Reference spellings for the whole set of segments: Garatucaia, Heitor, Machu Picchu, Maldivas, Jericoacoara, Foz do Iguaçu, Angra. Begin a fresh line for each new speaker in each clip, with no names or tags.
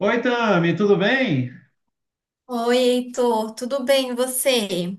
Oi, Tami, tudo bem?
Oi, Heitor, tudo bem e você?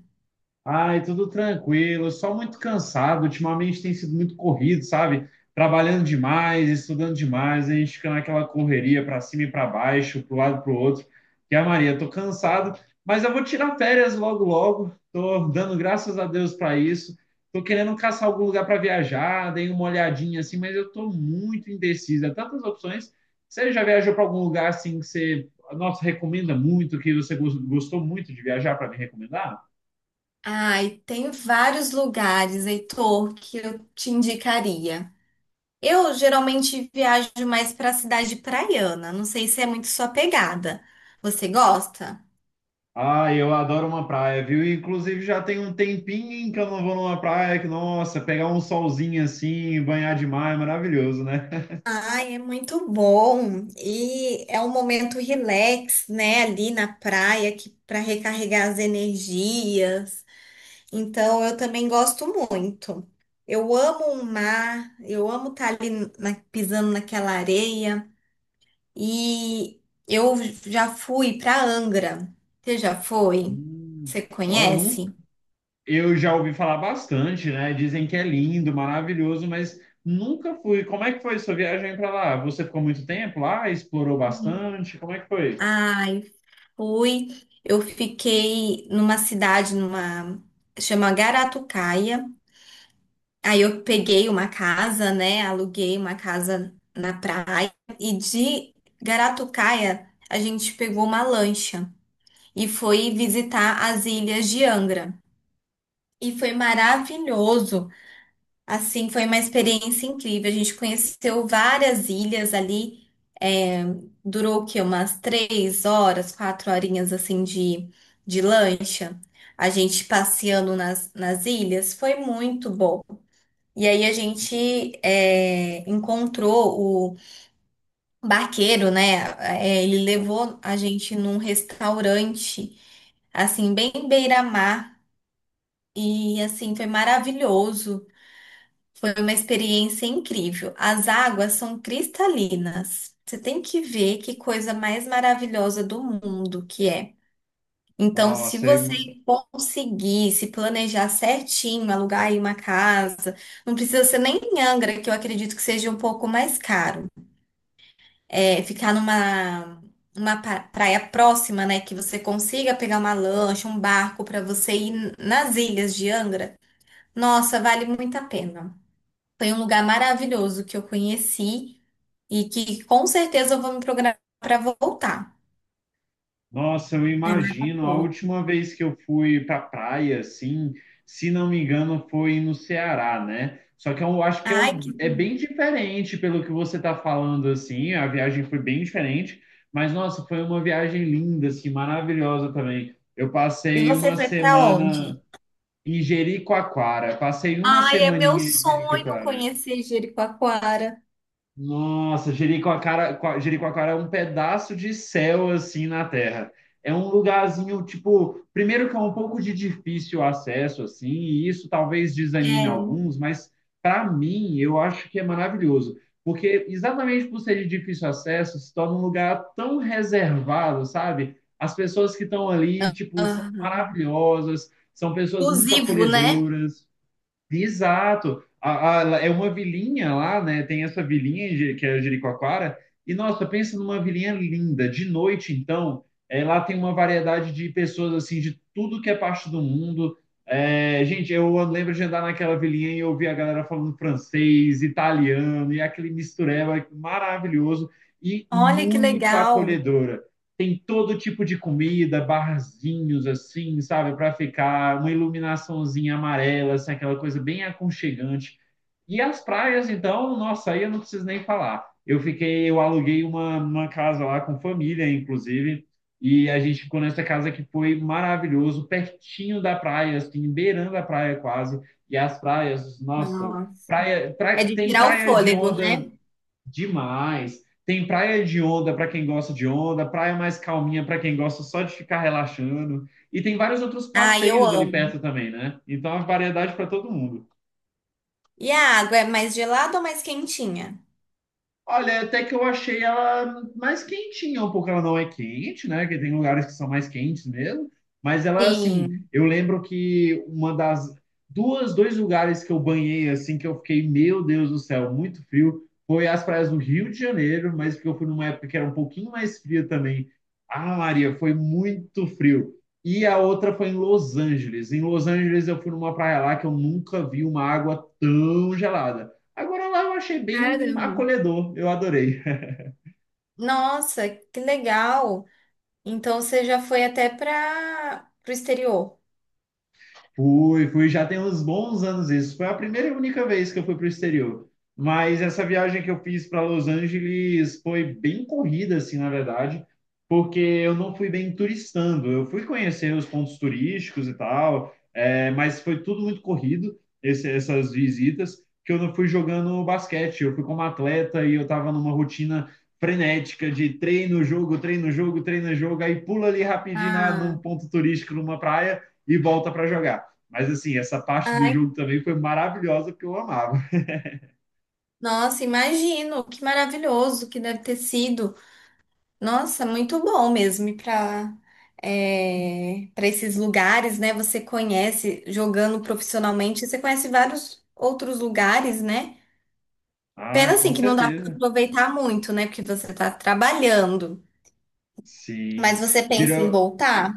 Ai, tudo tranquilo, só muito cansado. Ultimamente tem sido muito corrido, sabe? Trabalhando demais, estudando demais, a gente fica naquela correria para cima e para baixo, para o lado e para o outro. E a Maria, tô cansado, mas eu vou tirar férias logo logo. Tô dando graças a Deus para isso. Tô querendo caçar algum lugar para viajar, dei uma olhadinha assim, mas eu tô muito indecisa. Tantas opções. Você já viajou para algum lugar assim que você, nossa, recomenda muito, que você gostou muito de viajar para me recomendar?
Ai, tem vários lugares, Heitor, que eu te indicaria. Eu geralmente viajo mais para a cidade praiana, não sei se é muito sua pegada. Você gosta?
Ah, eu adoro uma praia, viu? Inclusive já tem um tempinho que eu não vou numa praia que, nossa, pegar um solzinho assim, banhar de mar é maravilhoso, né?
Ai, é muito bom. E é um momento relax, né, ali na praia, que para recarregar as energias. Então, eu também gosto muito. Eu amo o mar, eu amo estar ali pisando naquela areia. E eu já fui para Angra. Você já foi?
Hum,
Você
ó, nunca,
conhece?
eu já ouvi falar bastante, né? Dizem que é lindo, maravilhoso, mas nunca fui. Como é que foi sua viagem para lá? Você ficou muito tempo lá? Explorou
Uhum.
bastante? Como é que foi?
Ai, fui. Eu fiquei numa cidade, numa chama Garatucaia. Aí eu peguei uma casa, né? Aluguei uma casa na praia e de Garatucaia a gente pegou uma lancha e foi visitar as ilhas de Angra. E foi maravilhoso. Assim, foi uma experiência incrível. A gente conheceu várias ilhas ali. É, durou o quê? Umas 3 horas, 4 horinhas assim de lancha. A gente passeando nas ilhas. Foi muito bom. E aí a gente encontrou o barqueiro, né? É, ele levou a gente num restaurante, assim, bem beira-mar. E assim, foi maravilhoso. Foi uma experiência incrível. As águas são cristalinas. Você tem que ver que coisa mais maravilhosa do mundo que é. Então, se
Nossa, é
você conseguir se planejar certinho, alugar aí uma casa, não precisa ser nem em Angra, que eu acredito que seja um pouco mais caro. É, ficar numa uma praia próxima, né, que você consiga pegar uma lancha, um barco para você ir nas ilhas de Angra. Nossa, vale muito a pena. Foi um lugar maravilhoso que eu conheci e que com certeza eu vou me programar para voltar.
Nossa, eu
É
imagino. A
maravilhoso.
última vez que eu fui para praia, assim, se não me engano, foi no Ceará, né? Só que eu acho que
Ai, que...
é bem diferente pelo que você está falando, assim. A viagem foi bem diferente, mas nossa, foi uma viagem linda, assim, maravilhosa também. Eu
E
passei
você
uma
foi para
semana
onde?
em Jericoacoara, passei uma
Ai, é meu
semaninha em
sonho
Jericoacoara.
conhecer Jericoacoara.
Nossa, Jericoacoara, Jericoacoara é um pedaço de céu assim na terra. É um lugarzinho, tipo, primeiro que é um pouco de difícil acesso assim, e isso talvez desanime
É.
alguns, mas para mim eu acho que é maravilhoso, porque exatamente por ser de difícil acesso, se torna um lugar tão reservado, sabe? As pessoas que estão ali, tipo, são
Aham.
maravilhosas, são pessoas muito
Exclusivo, né?
acolhedoras. Exato. É uma vilinha lá, né? Tem essa vilinha em que é Jericoacoara. E nossa, pensa numa vilinha linda. De noite, então, lá tem uma variedade de pessoas assim de tudo que é parte do mundo. É, gente, eu lembro de andar naquela vilinha e ouvir a galera falando francês, italiano e aquele mistureba maravilhoso e
Olha que
muito
legal.
acolhedora tem todo tipo de comida, barzinhos assim, sabe, para ficar, uma iluminaçãozinha amarela, assim, aquela coisa bem aconchegante. E as praias, então, nossa, aí eu não preciso nem falar. Eu fiquei, eu aluguei uma casa lá com família, inclusive, e a gente ficou nessa casa que foi maravilhoso, pertinho da praia, assim, beirando a praia quase. E as praias, nossa,
Nossa.
praia,
É de
tem
tirar o
praia de
fôlego, né?
onda. Demais. Tem praia de onda para quem gosta de onda, praia mais calminha para quem gosta só de ficar relaxando. E tem vários outros
Ai, eu
passeios ali
amo.
perto também, né? Então, a variedade para todo mundo.
E a água é mais gelada ou mais quentinha?
Olha, até que eu achei ela mais quentinha, um pouco ela não é quente, né? Que tem lugares que são mais quentes mesmo, mas ela assim,
Sim.
eu lembro que uma das duas, dois lugares que eu banhei assim que eu fiquei, meu Deus do céu, muito frio, foi as praias do Rio de Janeiro, mas porque eu fui numa época que era um pouquinho mais fria também. Ah, Maria, foi muito frio. E a outra foi em Los Angeles. Em Los Angeles eu fui numa praia lá que eu nunca vi uma água tão gelada. Agora lá eu achei bem
Caramba.
acolhedor, eu adorei.
Nossa, que legal. Então você já foi até para o exterior.
Fui, fui, já tem uns bons anos isso. Foi a primeira e única vez que eu fui para o exterior. Mas essa viagem que eu fiz para Los Angeles foi bem corrida, assim, na verdade, porque eu não fui bem turistando. Eu fui conhecer os pontos turísticos e tal, mas foi tudo muito corrido, essas visitas, que eu não fui jogando basquete. Eu fui como atleta e eu estava numa rotina frenética de treino, jogo, treino, jogo, treino, jogo, aí pula ali rapidinho num
Ah,
ponto turístico, numa praia, e volta para jogar. Mas assim, essa parte do
ai,
jogo também foi maravilhosa porque eu amava.
nossa, imagino, que maravilhoso que deve ter sido. Nossa, muito bom mesmo ir para esses lugares, né? Você conhece jogando profissionalmente, você conhece vários outros lugares, né?
Ah,
Pena
com
assim que não dá para
certeza.
aproveitar muito, né? Porque você está trabalhando. Mas
Sim.
você pensa em
Virou,
voltar?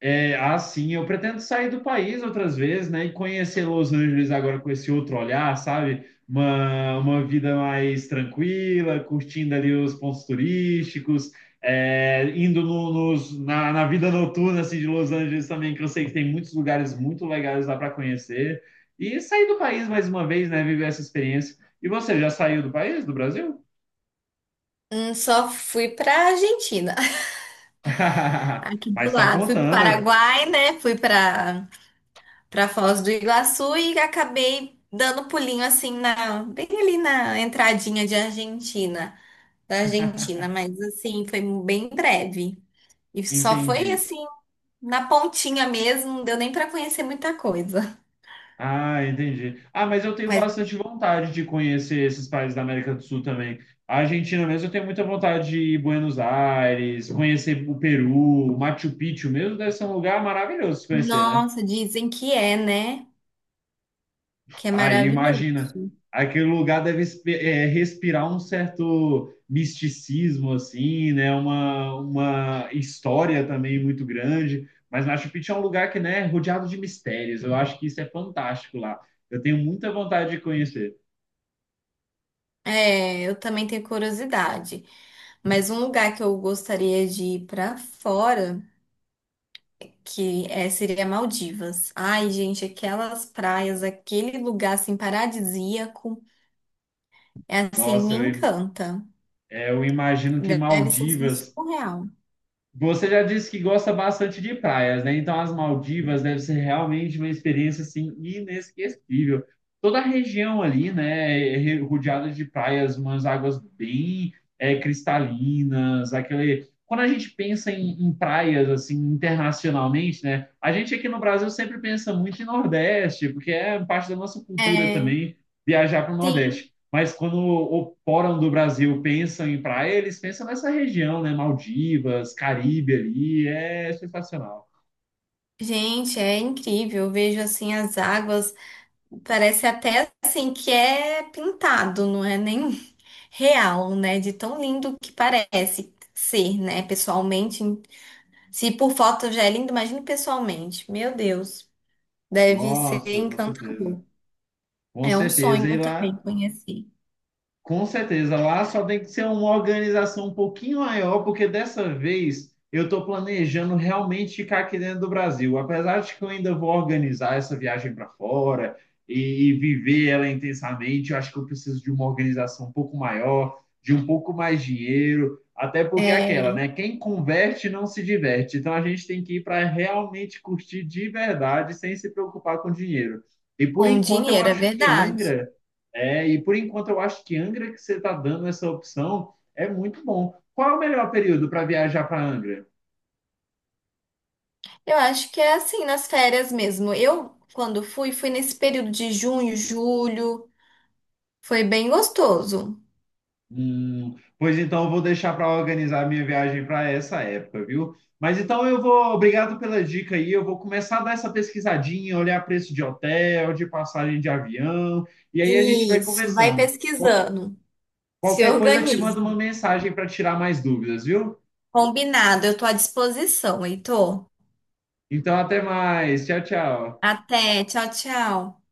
É, assim, eu pretendo sair do país outras vezes, né? E conhecer Los Angeles agora com esse outro olhar, sabe? Uma vida mais tranquila, curtindo ali os pontos turísticos, indo na vida noturna assim, de Los Angeles também, que eu sei que tem muitos lugares muito legais lá para conhecer. E sair do país mais uma vez, né? Viver essa experiência. E você já saiu do país, do Brasil?
Só fui pra Argentina, aqui
Mas
do
está
lado. Fui pro
contando,
Paraguai, né? Fui pra Foz do Iguaçu e acabei dando pulinho assim bem ali na entradinha da Argentina, mas assim, foi bem breve. E
eu
só foi
entendi.
assim na pontinha mesmo, não deu nem pra conhecer muita coisa.
Ah, entendi. Ah, mas eu tenho
Mas
bastante vontade de conhecer esses países da América do Sul também. A Argentina mesmo, eu tenho muita vontade de ir Buenos Aires, conhecer o Peru, Machu Picchu mesmo, deve ser um lugar maravilhoso se conhecer, né?
nossa, dizem que é, né? Que é
Aí,
maravilhoso.
imagina, aquele lugar deve respirar um certo misticismo, assim, né? Uma história também muito grande. Mas Machu Picchu é um lugar que, né, é rodeado de mistérios. Eu acho que isso é fantástico lá. Eu tenho muita vontade de conhecer.
É, eu também tenho curiosidade. Mas um lugar que eu gostaria de ir pra fora, seria Maldivas. Ai, gente, aquelas praias, aquele lugar assim paradisíaco, é assim, me
Nossa, eu,
encanta.
é, eu imagino que
Deve ser assim,
Maldivas.
surreal.
Você já disse que gosta bastante de praias, né? Então as Maldivas deve ser realmente uma experiência assim inesquecível. Toda a região ali, né, é rodeada de praias, umas águas bem cristalinas, aquele. Quando a gente pensa em praias assim internacionalmente, né? A gente aqui no Brasil sempre pensa muito em Nordeste, porque é parte da nossa cultura
É,
também viajar para o
sim.
Nordeste. Mas quando o Fórum do Brasil pensam em praia, eles pensam nessa região, né? Maldivas, Caribe ali, é sensacional.
Gente, é incrível. Eu vejo assim as águas, parece até assim que é pintado, não é nem real, né? De tão lindo que parece ser, né? Pessoalmente. Se por foto já é lindo, imagine pessoalmente. Meu Deus, deve ser
Nossa, com certeza.
encantador.
Com
É um
certeza.
sonho também conhecer.
Com certeza, lá só tem que ser uma organização um pouquinho maior, porque dessa vez eu estou planejando realmente ficar aqui dentro do Brasil. Apesar de que eu ainda vou organizar essa viagem para fora e viver ela intensamente, eu acho que eu preciso de uma organização um pouco maior, de um pouco mais dinheiro, até porque é aquela,
É,
né? Quem converte não se diverte. Então a gente tem que ir para realmente curtir de verdade, sem se preocupar com dinheiro. E por
com
enquanto eu
dinheiro, é
acho que
verdade.
Angra. É, e por enquanto eu acho que Angra que você está dando essa opção é muito bom. Qual é o melhor período para viajar para Angra?
Eu acho que é assim, nas férias mesmo. Eu, quando fui, fui nesse período de junho, julho. Foi bem gostoso.
Pois então eu vou deixar para organizar minha viagem para essa época, viu? Mas então eu vou, obrigado pela dica aí. Eu vou começar a dar essa pesquisadinha, olhar preço de hotel, de passagem de avião, e aí a gente vai
Isso, vai
conversando. Qual-
pesquisando. Se
Qualquer coisa eu te
organiza.
mando uma mensagem para tirar mais dúvidas, viu?
Combinado, eu tô à disposição, Heitor.
Então até mais. Tchau, tchau.
Até, tchau, tchau.